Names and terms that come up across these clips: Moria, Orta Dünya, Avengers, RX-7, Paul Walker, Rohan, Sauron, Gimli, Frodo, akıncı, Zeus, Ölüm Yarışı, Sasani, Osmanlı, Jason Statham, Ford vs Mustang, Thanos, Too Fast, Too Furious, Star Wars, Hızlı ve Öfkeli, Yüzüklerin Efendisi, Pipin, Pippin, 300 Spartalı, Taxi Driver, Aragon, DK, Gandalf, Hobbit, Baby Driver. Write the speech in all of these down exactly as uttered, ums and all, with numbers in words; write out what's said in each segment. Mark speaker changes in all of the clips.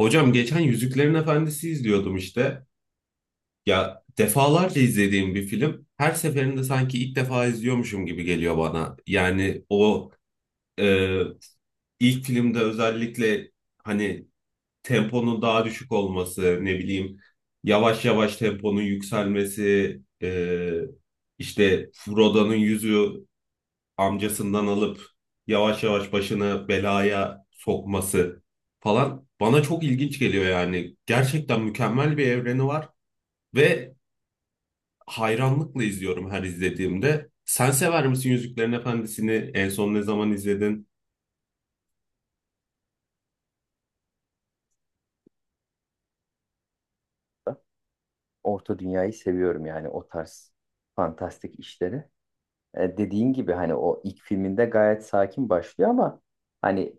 Speaker 1: Hocam geçen Yüzüklerin Efendisi izliyordum işte. Ya defalarca izlediğim bir film. Her seferinde sanki ilk defa izliyormuşum gibi geliyor bana. Yani o e, ilk filmde özellikle hani temponun daha düşük olması, ne bileyim yavaş yavaş temponun yükselmesi, e, işte Frodo'nun yüzü amcasından alıp yavaş yavaş başını belaya sokması falan bana çok ilginç geliyor yani. Gerçekten mükemmel bir evreni var ve hayranlıkla izliyorum her izlediğimde. Sen sever misin Yüzüklerin Efendisi'ni? En son ne zaman izledin?
Speaker 2: Orta Dünya'yı seviyorum yani o tarz fantastik işleri. E, dediğin gibi hani o ilk filminde gayet sakin başlıyor ama hani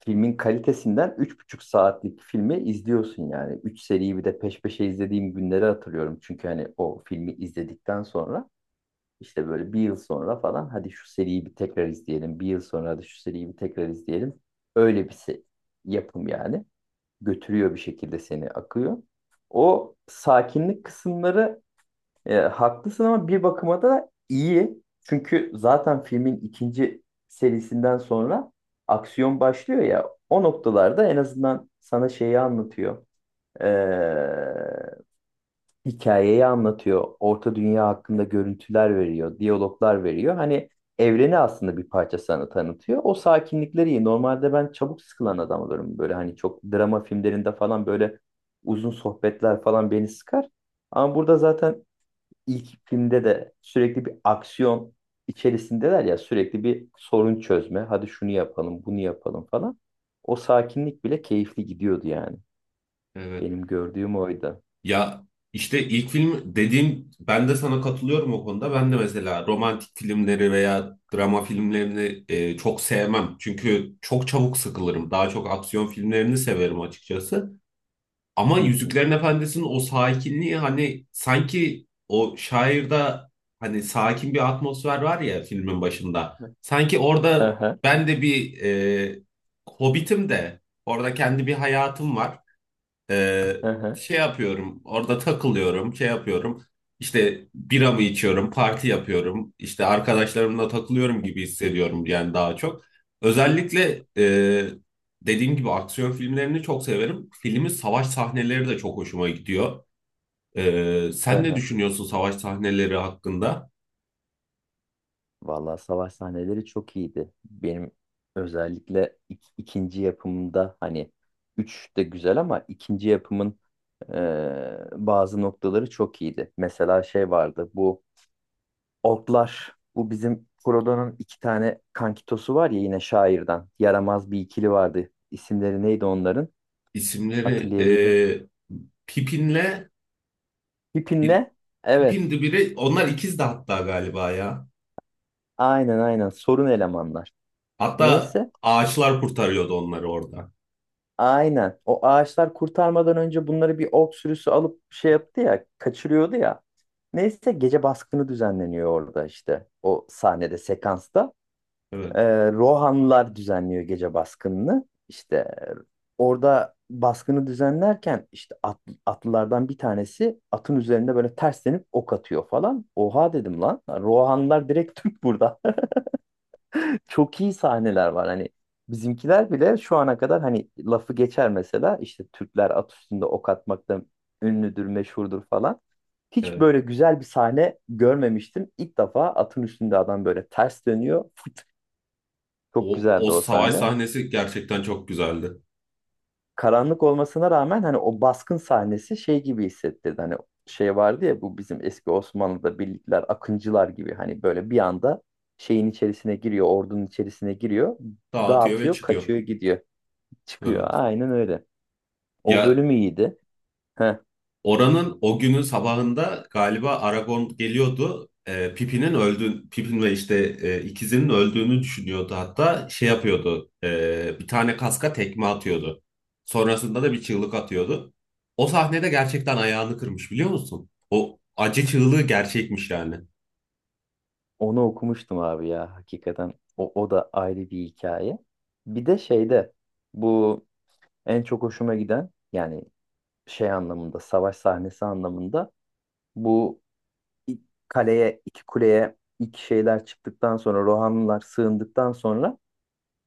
Speaker 2: filmin kalitesinden üç buçuk saatlik filmi izliyorsun yani. Üç seriyi bir de peş peşe izlediğim günleri hatırlıyorum. Çünkü hani o filmi izledikten sonra işte böyle bir yıl sonra falan hadi şu seriyi bir tekrar izleyelim. Bir yıl sonra hadi şu seriyi bir tekrar izleyelim. Öyle bir se- Yapım yani. Götürüyor bir şekilde seni akıyor. O sakinlik kısımları e, haklısın ama bir bakıma da iyi. Çünkü zaten filmin ikinci serisinden sonra aksiyon başlıyor ya. O noktalarda en azından sana şeyi anlatıyor. E, Hikayeyi anlatıyor. Orta Dünya hakkında görüntüler veriyor. Diyaloglar veriyor. Hani evreni aslında bir parça sana tanıtıyor. O sakinlikleri iyi. Normalde ben çabuk sıkılan adam olurum. Böyle hani çok drama filmlerinde falan böyle uzun sohbetler falan beni sıkar. Ama burada zaten ilk filmde de sürekli bir aksiyon içerisindeler ya sürekli bir sorun çözme. Hadi şunu yapalım, bunu yapalım falan. O sakinlik bile keyifli gidiyordu yani.
Speaker 1: Evet.
Speaker 2: Benim gördüğüm oydu.
Speaker 1: Ya işte ilk film dediğim ben de sana katılıyorum o konuda. Ben de mesela romantik filmleri veya drama filmlerini e, çok sevmem. Çünkü çok çabuk sıkılırım. Daha çok aksiyon filmlerini severim açıkçası. Ama
Speaker 2: Hı hı.
Speaker 1: Yüzüklerin Efendisi'nin o sakinliği hani sanki o şairde hani sakin bir atmosfer var ya filmin başında. Sanki
Speaker 2: Hı
Speaker 1: orada
Speaker 2: hı,
Speaker 1: ben de bir e, Hobbit'im de orada kendi bir hayatım var. Ee,
Speaker 2: hı hı,
Speaker 1: Şey yapıyorum, orada takılıyorum, şey yapıyorum. İşte bira mı içiyorum, parti yapıyorum, işte arkadaşlarımla takılıyorum gibi hissediyorum yani daha çok. Özellikle e, dediğim gibi aksiyon filmlerini çok severim. Filmin savaş sahneleri de çok hoşuma gidiyor. Ee,
Speaker 2: hı
Speaker 1: sen ne
Speaker 2: hı.
Speaker 1: düşünüyorsun savaş sahneleri hakkında?
Speaker 2: Vallahi savaş sahneleri çok iyiydi. Benim özellikle ik- ikinci yapımında hani üç de güzel ama ikinci yapımın e, bazı noktaları çok iyiydi. Mesela şey vardı bu Otlar. Bu bizim Frodo'nun iki tane kankitosu var ya yine şairden. Yaramaz bir ikili vardı. İsimleri neydi onların?
Speaker 1: İsimleri e,
Speaker 2: Hatırlayabildim.
Speaker 1: Pipin'le bir
Speaker 2: Pippin'le? Evet.
Speaker 1: Pipin'di biri. Onlar ikizdi hatta galiba ya.
Speaker 2: Aynen aynen. Sorun elemanlar.
Speaker 1: Hatta
Speaker 2: Neyse.
Speaker 1: ağaçlar kurtarıyordu onları orada.
Speaker 2: Aynen. O ağaçlar kurtarmadan önce bunları bir ork sürüsü alıp şey yaptı ya, kaçırıyordu ya. Neyse gece baskını düzenleniyor orada işte. O sahnede, sekansta.
Speaker 1: Evet,
Speaker 2: Ee, Rohanlılar düzenliyor gece baskınını. İşte e, orada baskını düzenlerken işte at- atlılardan bir tanesi atın üzerinde böyle terslenip ok atıyor falan. Oha dedim lan. Rohanlılar direkt Türk burada. Çok iyi sahneler var. Hani bizimkiler bile şu ana kadar hani lafı geçer mesela işte Türkler at üstünde ok atmakta ünlüdür, meşhurdur falan. Hiç
Speaker 1: evet.
Speaker 2: böyle güzel bir sahne görmemiştim. İlk defa atın üstünde adam böyle ters dönüyor. Çok
Speaker 1: O, o
Speaker 2: güzeldi o
Speaker 1: savaş
Speaker 2: sahne.
Speaker 1: sahnesi gerçekten çok güzeldi.
Speaker 2: Karanlık olmasına rağmen hani o baskın sahnesi şey gibi hissettirdi. Hani şey vardı ya bu bizim eski Osmanlı'da birlikler, akıncılar gibi hani böyle bir anda şeyin içerisine giriyor, ordunun içerisine giriyor,
Speaker 1: Dağıtıyor ve
Speaker 2: dağıtıyor,
Speaker 1: çıkıyor.
Speaker 2: kaçıyor, gidiyor, çıkıyor.
Speaker 1: Evet.
Speaker 2: Aynen öyle. O
Speaker 1: Ya,
Speaker 2: bölüm iyiydi. Heh,
Speaker 1: oranın o günün sabahında galiba Aragon geliyordu. E, Pippin'in öldüğün, Pippin ve işte e, ikizinin öldüğünü düşünüyordu. Hatta şey yapıyordu. E, bir tane kaska tekme atıyordu. Sonrasında da bir çığlık atıyordu. O sahnede gerçekten ayağını kırmış biliyor musun? O acı çığlığı gerçekmiş yani.
Speaker 2: onu okumuştum abi ya hakikaten. O, o da ayrı bir hikaye. Bir de şeyde bu en çok hoşuma giden yani şey anlamında savaş sahnesi anlamında bu ilk kaleye, iki kuleye ilk şeyler çıktıktan sonra Rohanlılar sığındıktan sonra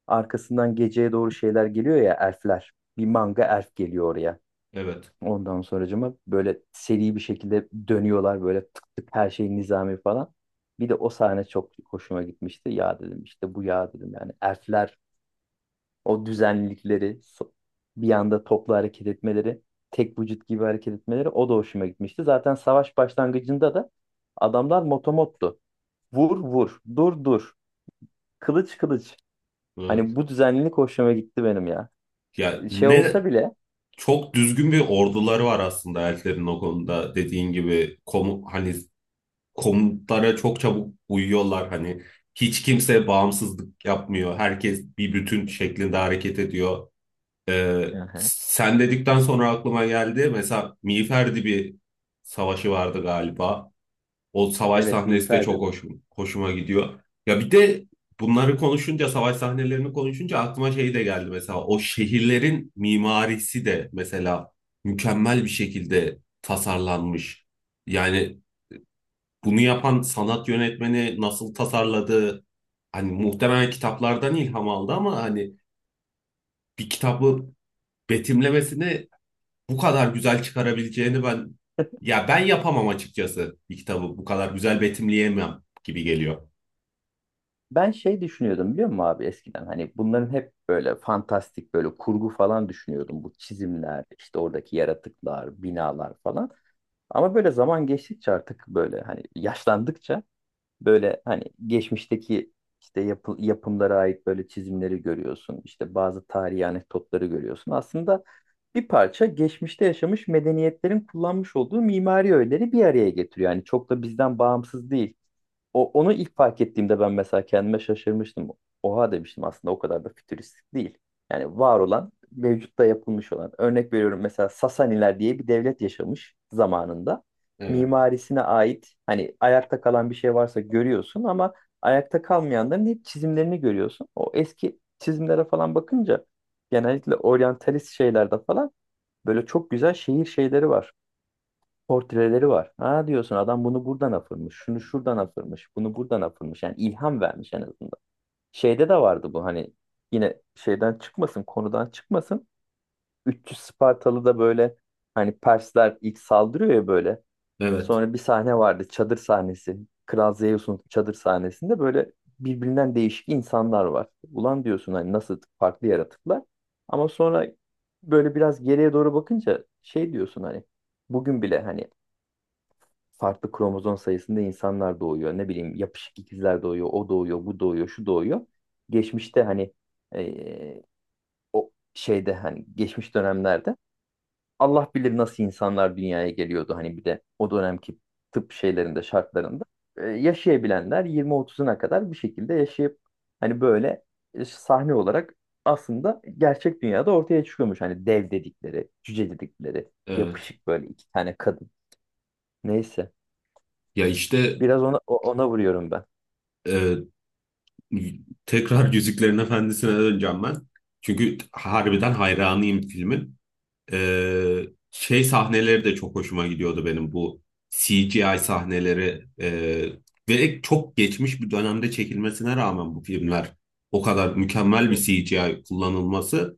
Speaker 2: arkasından geceye doğru şeyler geliyor ya elfler. Bir manga elf geliyor oraya.
Speaker 1: Evet.
Speaker 2: Ondan sonracıma böyle seri bir şekilde dönüyorlar böyle tık tık her şey nizami falan. Bir de o sahne çok hoşuma gitmişti. Ya dedim işte bu ya dedim yani elfler o düzenlilikleri so- bir anda toplu hareket etmeleri tek vücut gibi hareket etmeleri o da hoşuma gitmişti. Zaten savaş başlangıcında da adamlar motomottu. Vur vur. Dur dur. Kılıç kılıç.
Speaker 1: Evet.
Speaker 2: Hani bu düzenlilik hoşuma gitti benim ya.
Speaker 1: Ya
Speaker 2: Ee, Şey olsa
Speaker 1: ne
Speaker 2: bile.
Speaker 1: Çok düzgün bir orduları var aslında elflerin o konuda. Dediğin gibi komu hani komutlara çok çabuk uyuyorlar. Hani hiç kimse bağımsızlık yapmıyor. Herkes bir bütün şeklinde hareket ediyor. Ee,
Speaker 2: Hı hı.
Speaker 1: Sen dedikten sonra aklıma geldi. Mesela Miğfer bir savaşı vardı galiba. O savaş
Speaker 2: Evet
Speaker 1: sahnesi de
Speaker 2: miğfer
Speaker 1: çok
Speaker 2: dedi.
Speaker 1: hoşum, hoşuma gidiyor. Ya bir de bunları konuşunca, savaş sahnelerini konuşunca aklıma şey de geldi mesela. O şehirlerin mimarisi de mesela mükemmel bir şekilde tasarlanmış. Yani bunu yapan sanat yönetmeni nasıl tasarladı? Hani muhtemelen kitaplardan ilham aldı ama hani bir kitabı betimlemesini bu kadar güzel çıkarabileceğini ben ya ben yapamam açıkçası bir kitabı bu kadar güzel betimleyemem gibi geliyor.
Speaker 2: Ben şey düşünüyordum biliyor musun abi eskiden hani bunların hep böyle fantastik böyle kurgu falan düşünüyordum. Bu çizimler işte oradaki yaratıklar binalar falan. Ama böyle zaman geçtikçe artık böyle hani yaşlandıkça böyle hani geçmişteki işte yapı- yapımlara ait böyle çizimleri görüyorsun. İşte bazı tarihi anekdotları görüyorsun. Aslında bir parça geçmişte yaşamış medeniyetlerin kullanmış olduğu mimari öğeleri bir araya getiriyor. Yani çok da bizden bağımsız değil. O, onu ilk fark ettiğimde ben mesela kendime şaşırmıştım. Oha demiştim aslında o kadar da fütüristik değil. Yani var olan, mevcutta yapılmış olan. Örnek veriyorum mesela Sasaniler diye bir devlet yaşamış zamanında
Speaker 1: Evet.
Speaker 2: mimarisine ait hani ayakta kalan bir şey varsa görüyorsun ama ayakta kalmayanların hep çizimlerini görüyorsun. O eski çizimlere falan bakınca genellikle oryantalist şeylerde falan böyle çok güzel şehir şeyleri var. Portreleri var. Ha diyorsun adam bunu buradan afırmış, şunu şuradan afırmış, bunu buradan afırmış. Yani ilham vermiş en azından. Şeyde de vardı bu hani yine şeyden çıkmasın, konudan çıkmasın. üç yüz Spartalı da böyle hani Persler ilk saldırıyor ya böyle.
Speaker 1: Evet.
Speaker 2: Sonra bir sahne vardı. Çadır sahnesi. Kral Zeus'un çadır sahnesinde böyle birbirinden değişik insanlar var. Ulan diyorsun hani nasıl farklı yaratıklar. Ama sonra böyle biraz geriye doğru bakınca şey diyorsun hani bugün bile hani farklı kromozom sayısında insanlar doğuyor. Ne bileyim yapışık ikizler doğuyor. O doğuyor, bu doğuyor, şu doğuyor. Geçmişte hani eee, o şeyde hani geçmiş dönemlerde Allah bilir nasıl insanlar dünyaya geliyordu hani bir de o dönemki tıp şeylerinde şartlarında Ee, yaşayabilenler yirmi otuzuna kadar bir şekilde yaşayıp hani böyle e, sahne olarak aslında gerçek dünyada ortaya çıkıyormuş. Hani dev dedikleri, cüce dedikleri,
Speaker 1: Evet.
Speaker 2: yapışık böyle iki tane kadın. Neyse.
Speaker 1: Ya işte
Speaker 2: Biraz ona o- ona vuruyorum ben.
Speaker 1: e, tekrar Yüzüklerin Efendisi'ne döneceğim ben. Çünkü harbiden hayranıyım filmin. Ee, Şey sahneleri de çok hoşuma gidiyordu benim bu C G I sahneleri ee, ve çok geçmiş bir dönemde çekilmesine rağmen bu filmler o kadar mükemmel
Speaker 2: Hı
Speaker 1: bir
Speaker 2: hı.
Speaker 1: C G I kullanılması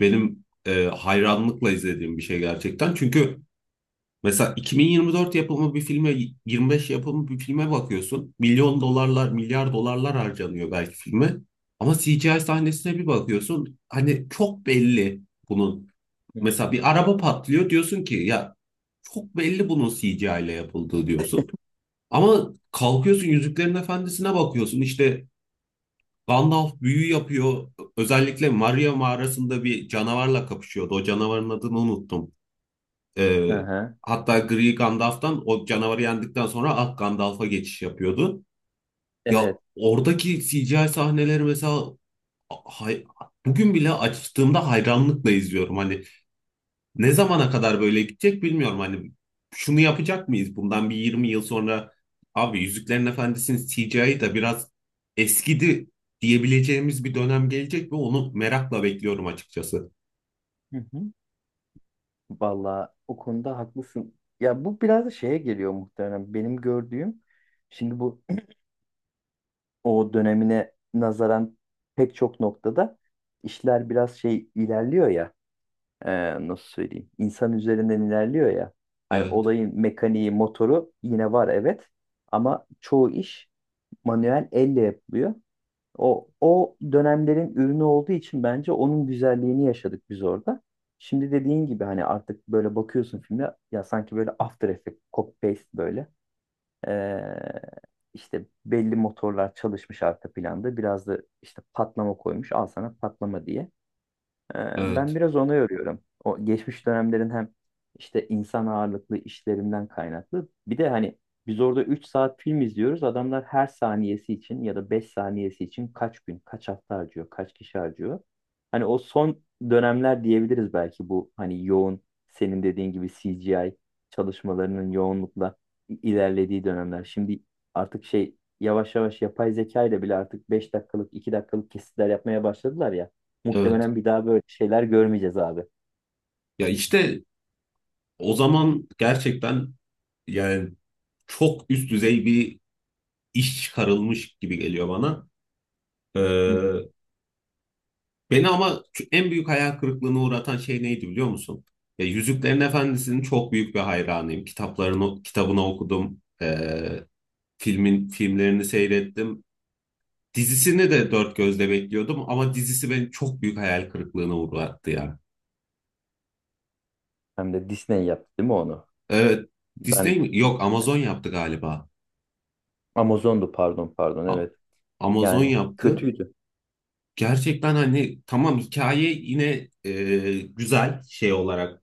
Speaker 1: benim e, hayranlıkla izlediğim bir şey gerçekten. Çünkü mesela iki bin yirmi dört yapımı bir filme, yirmi beş yapımı bir filme bakıyorsun. Milyon dolarlar, milyar dolarlar harcanıyor belki filme. Ama C G I sahnesine bir bakıyorsun. Hani çok belli bunun.
Speaker 2: Hı.
Speaker 1: Mesela bir araba patlıyor diyorsun ki ya çok belli bunun C G I ile yapıldığı diyorsun. Ama kalkıyorsun Yüzüklerin Efendisi'ne bakıyorsun. İşte Gandalf büyü yapıyor. Özellikle Maria mağarasında bir canavarla kapışıyordu. O canavarın adını unuttum. Ee,
Speaker 2: Hı.
Speaker 1: Hatta Gri Gandalf'tan o canavarı yendikten sonra Ak Gandalf'a geçiş yapıyordu. Ya
Speaker 2: Evet.
Speaker 1: oradaki C G I sahneleri mesela hay- bugün bile açtığımda hayranlıkla izliyorum. Hani ne zamana kadar böyle gidecek bilmiyorum. Hani şunu yapacak mıyız bundan bir yirmi yıl sonra abi Yüzüklerin Efendisi'nin C G I'yi da biraz eskidi diyebileceğimiz bir dönem gelecek ve onu merakla bekliyorum açıkçası.
Speaker 2: Hı hı. Vallahi o konuda haklısın. Ya bu biraz da şeye geliyor muhtemelen. Benim gördüğüm şimdi bu o dönemine nazaran pek çok noktada işler biraz şey ilerliyor ya e, nasıl söyleyeyim insan üzerinden ilerliyor ya hani
Speaker 1: Evet,
Speaker 2: olayın mekaniği motoru yine var evet ama çoğu iş manuel elle yapılıyor. O, o dönemlerin ürünü olduğu için bence onun güzelliğini yaşadık biz orada. Şimdi dediğin gibi hani artık böyle bakıyorsun filme ya sanki böyle After Effects, copy paste böyle. Ee, işte belli motorlar çalışmış arka planda. Biraz da işte patlama koymuş. Al sana patlama diye. Ee, Ben
Speaker 1: evet,
Speaker 2: biraz ona yoruyorum. O geçmiş dönemlerin hem işte insan ağırlıklı işlerinden kaynaklı. Bir de hani biz orada üç saat film izliyoruz. Adamlar her saniyesi için ya da beş saniyesi için kaç gün, kaç hafta harcıyor, kaç kişi harcıyor. Hani o son dönemler diyebiliriz belki bu hani yoğun senin dediğin gibi C G I çalışmalarının yoğunlukla i- ilerlediği dönemler. Şimdi artık şey yavaş yavaş yapay zeka ile bile artık beş dakikalık, iki dakikalık kesitler yapmaya başladılar ya.
Speaker 1: evet.
Speaker 2: Muhtemelen bir daha böyle şeyler görmeyeceğiz abi.
Speaker 1: Ya işte o zaman gerçekten yani çok üst düzey bir iş çıkarılmış gibi geliyor bana. Ee,
Speaker 2: Hı hı.
Speaker 1: Beni ama en büyük hayal kırıklığına uğratan şey neydi biliyor musun? Ya, Yüzüklerin Efendisi'nin çok büyük bir hayranıyım. Kitaplarını, kitabını okudum. Ee, filmin filmlerini seyrettim. Dizisini de dört gözle bekliyordum ama dizisi beni çok büyük hayal kırıklığına uğrattı ya.
Speaker 2: Hem de Disney yaptı değil mi onu?
Speaker 1: Evet,
Speaker 2: Ben
Speaker 1: Disney mi? Yok, Amazon yaptı galiba.
Speaker 2: Amazon'du pardon pardon
Speaker 1: A-
Speaker 2: evet.
Speaker 1: Amazon
Speaker 2: Yani
Speaker 1: yaptı.
Speaker 2: kötüydü.
Speaker 1: Gerçekten hani tamam hikaye yine e, güzel şey olarak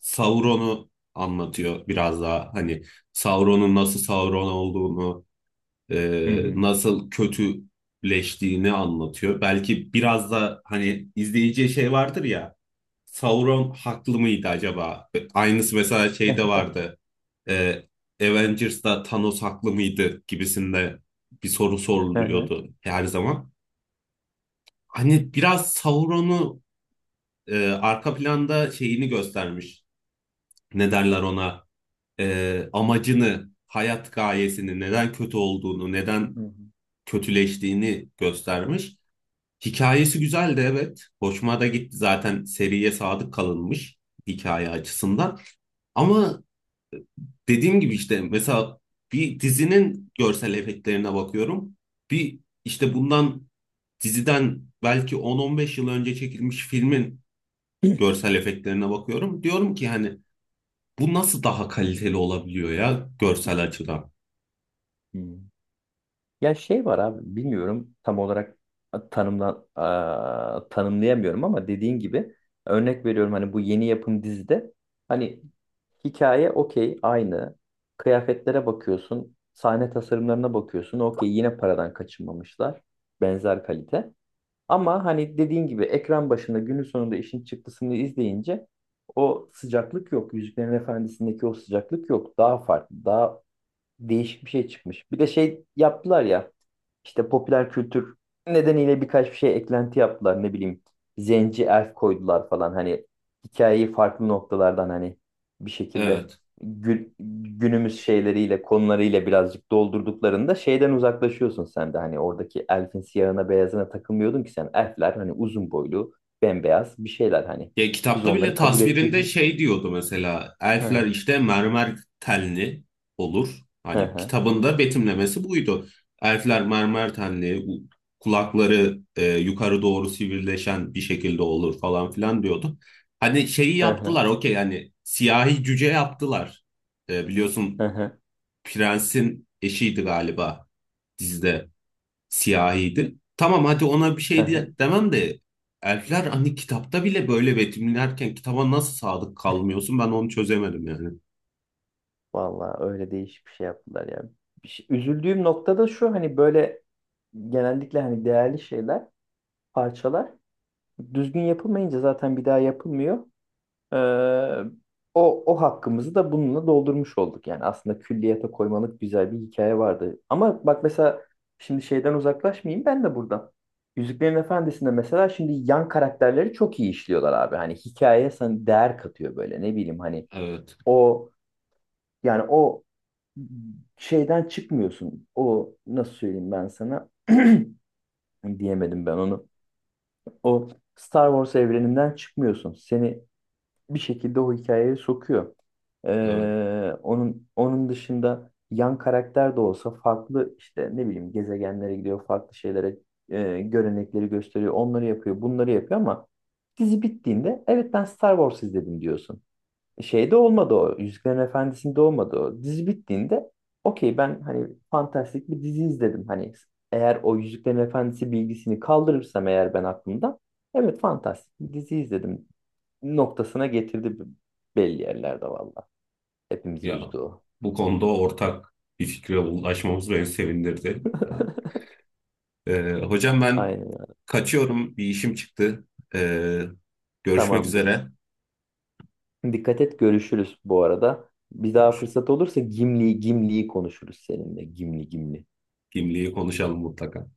Speaker 1: Sauron'u anlatıyor biraz daha hani Sauron'un nasıl Sauron olduğunu
Speaker 2: Hı
Speaker 1: e,
Speaker 2: hı.
Speaker 1: nasıl kötüleştiğini anlatıyor. Belki biraz da hani izleyiciye şey vardır ya Sauron haklı mıydı acaba? E, Aynısı mesela şeyde vardı e, Avengers'da Thanos haklı mıydı gibisinde bir soru
Speaker 2: Hı hı.
Speaker 1: soruluyordu her zaman. Hani biraz Sauron'u e, arka planda şeyini göstermiş. Ne derler ona? E, amacını, hayat gayesini, neden kötü olduğunu,
Speaker 2: Hı
Speaker 1: neden
Speaker 2: hı.
Speaker 1: kötüleştiğini göstermiş. Hikayesi güzel de evet. Hoşuma da gitti zaten seriye sadık kalınmış hikaye açısından. Ama e, dediğim gibi işte mesela bir dizinin görsel efektlerine bakıyorum. Bir işte bundan diziden belki on on beş yıl önce çekilmiş filmin görsel efektlerine bakıyorum. Diyorum ki hani bu nasıl daha kaliteli olabiliyor ya görsel açıdan?
Speaker 2: Hı. Ya şey var abi bilmiyorum tam olarak tanımla, a- tanımlayamıyorum ama dediğin gibi örnek veriyorum hani bu yeni yapım dizide hani hikaye okey aynı kıyafetlere bakıyorsun sahne tasarımlarına bakıyorsun okey yine paradan kaçınmamışlar benzer kalite. Ama hani dediğin gibi ekran başında günün sonunda işin çıktısını izleyince o sıcaklık yok. Yüzüklerin Efendisi'ndeki o sıcaklık yok. Daha farklı, daha değişik bir şey çıkmış. Bir de şey yaptılar ya. İşte popüler kültür nedeniyle birkaç bir şey eklenti yaptılar. Ne bileyim zenci elf koydular falan. Hani hikayeyi farklı noktalardan hani bir şekilde
Speaker 1: Evet.
Speaker 2: gü- günümüz şeyleriyle konularıyla birazcık doldurduklarında şeyden uzaklaşıyorsun sen de. Hani oradaki elfin siyahına beyazına takılmıyordun ki sen. Elfler hani uzun boylu bembeyaz bir şeyler hani.
Speaker 1: Ya
Speaker 2: Biz
Speaker 1: kitapta bile
Speaker 2: onları kabul
Speaker 1: tasvirinde
Speaker 2: ettik.
Speaker 1: şey diyordu mesela elfler
Speaker 2: Hı
Speaker 1: işte mermer tenli olur.
Speaker 2: hı
Speaker 1: Hani
Speaker 2: hı
Speaker 1: kitabında betimlemesi buydu. Elfler mermer tenli, u- kulakları e, yukarı doğru sivrileşen bir şekilde olur falan filan diyordu. Hani şeyi
Speaker 2: hı
Speaker 1: yaptılar okey hani siyahi cüce yaptılar. E,
Speaker 2: hı
Speaker 1: biliyorsun
Speaker 2: hı.
Speaker 1: prensin eşiydi galiba dizide. Siyahiydi. Tamam hadi ona bir
Speaker 2: Hı
Speaker 1: şey diye,
Speaker 2: hı.
Speaker 1: demem de elfler hani kitapta bile böyle betimlerken kitaba nasıl sadık kalmıyorsun ben onu çözemedim yani.
Speaker 2: Vallahi öyle değişik bir şey yaptılar ya. Bir şey- Üzüldüğüm nokta da şu hani böyle genellikle hani değerli şeyler, parçalar düzgün yapılmayınca zaten bir daha yapılmıyor. Ee, o, o hakkımızı da bununla doldurmuş olduk. Yani aslında külliyata koymalık güzel bir hikaye vardı. Ama bak mesela şimdi şeyden uzaklaşmayayım ben de buradan. Yüzüklerin Efendisi'nde mesela şimdi yan karakterleri çok iyi işliyorlar abi. Hani hikayeye sana değer katıyor böyle ne bileyim hani
Speaker 1: Evet,
Speaker 2: o yani o şeyden çıkmıyorsun. O nasıl söyleyeyim ben sana? Diyemedim ben onu. O Star Wars evreninden çıkmıyorsun. Seni bir şekilde o hikayeye sokuyor.
Speaker 1: evet.
Speaker 2: Ee, onun onun dışında yan karakter de olsa farklı işte ne bileyim gezegenlere gidiyor, farklı şeylere e, görenekleri gösteriyor, onları yapıyor, bunları yapıyor ama dizi bittiğinde evet ben Star Wars izledim diyorsun. Şeyde olmadı o. Yüzüklerin Efendisi'nde olmadı o. Dizi bittiğinde okey ben hani fantastik bir dizi izledim. Hani eğer o Yüzüklerin Efendisi bilgisini kaldırırsam eğer ben aklımda evet fantastik bir dizi izledim noktasına getirdi belli yerlerde valla. Hepimizi
Speaker 1: Ya
Speaker 2: üzdü o.
Speaker 1: bu konuda ortak bir fikre ulaşmamız beni sevindirdi. Ya, e, hocam ben
Speaker 2: Aynen.
Speaker 1: kaçıyorum bir işim çıktı. E, Görüşmek
Speaker 2: Tamamdır.
Speaker 1: üzere.
Speaker 2: Dikkat et görüşürüz bu arada. Bir daha
Speaker 1: Görüş-
Speaker 2: fırsat olursa Gimli Gimli'yi konuşuruz seninle. Gimli Gimli.
Speaker 1: Gimli'yi konuşalım mutlaka.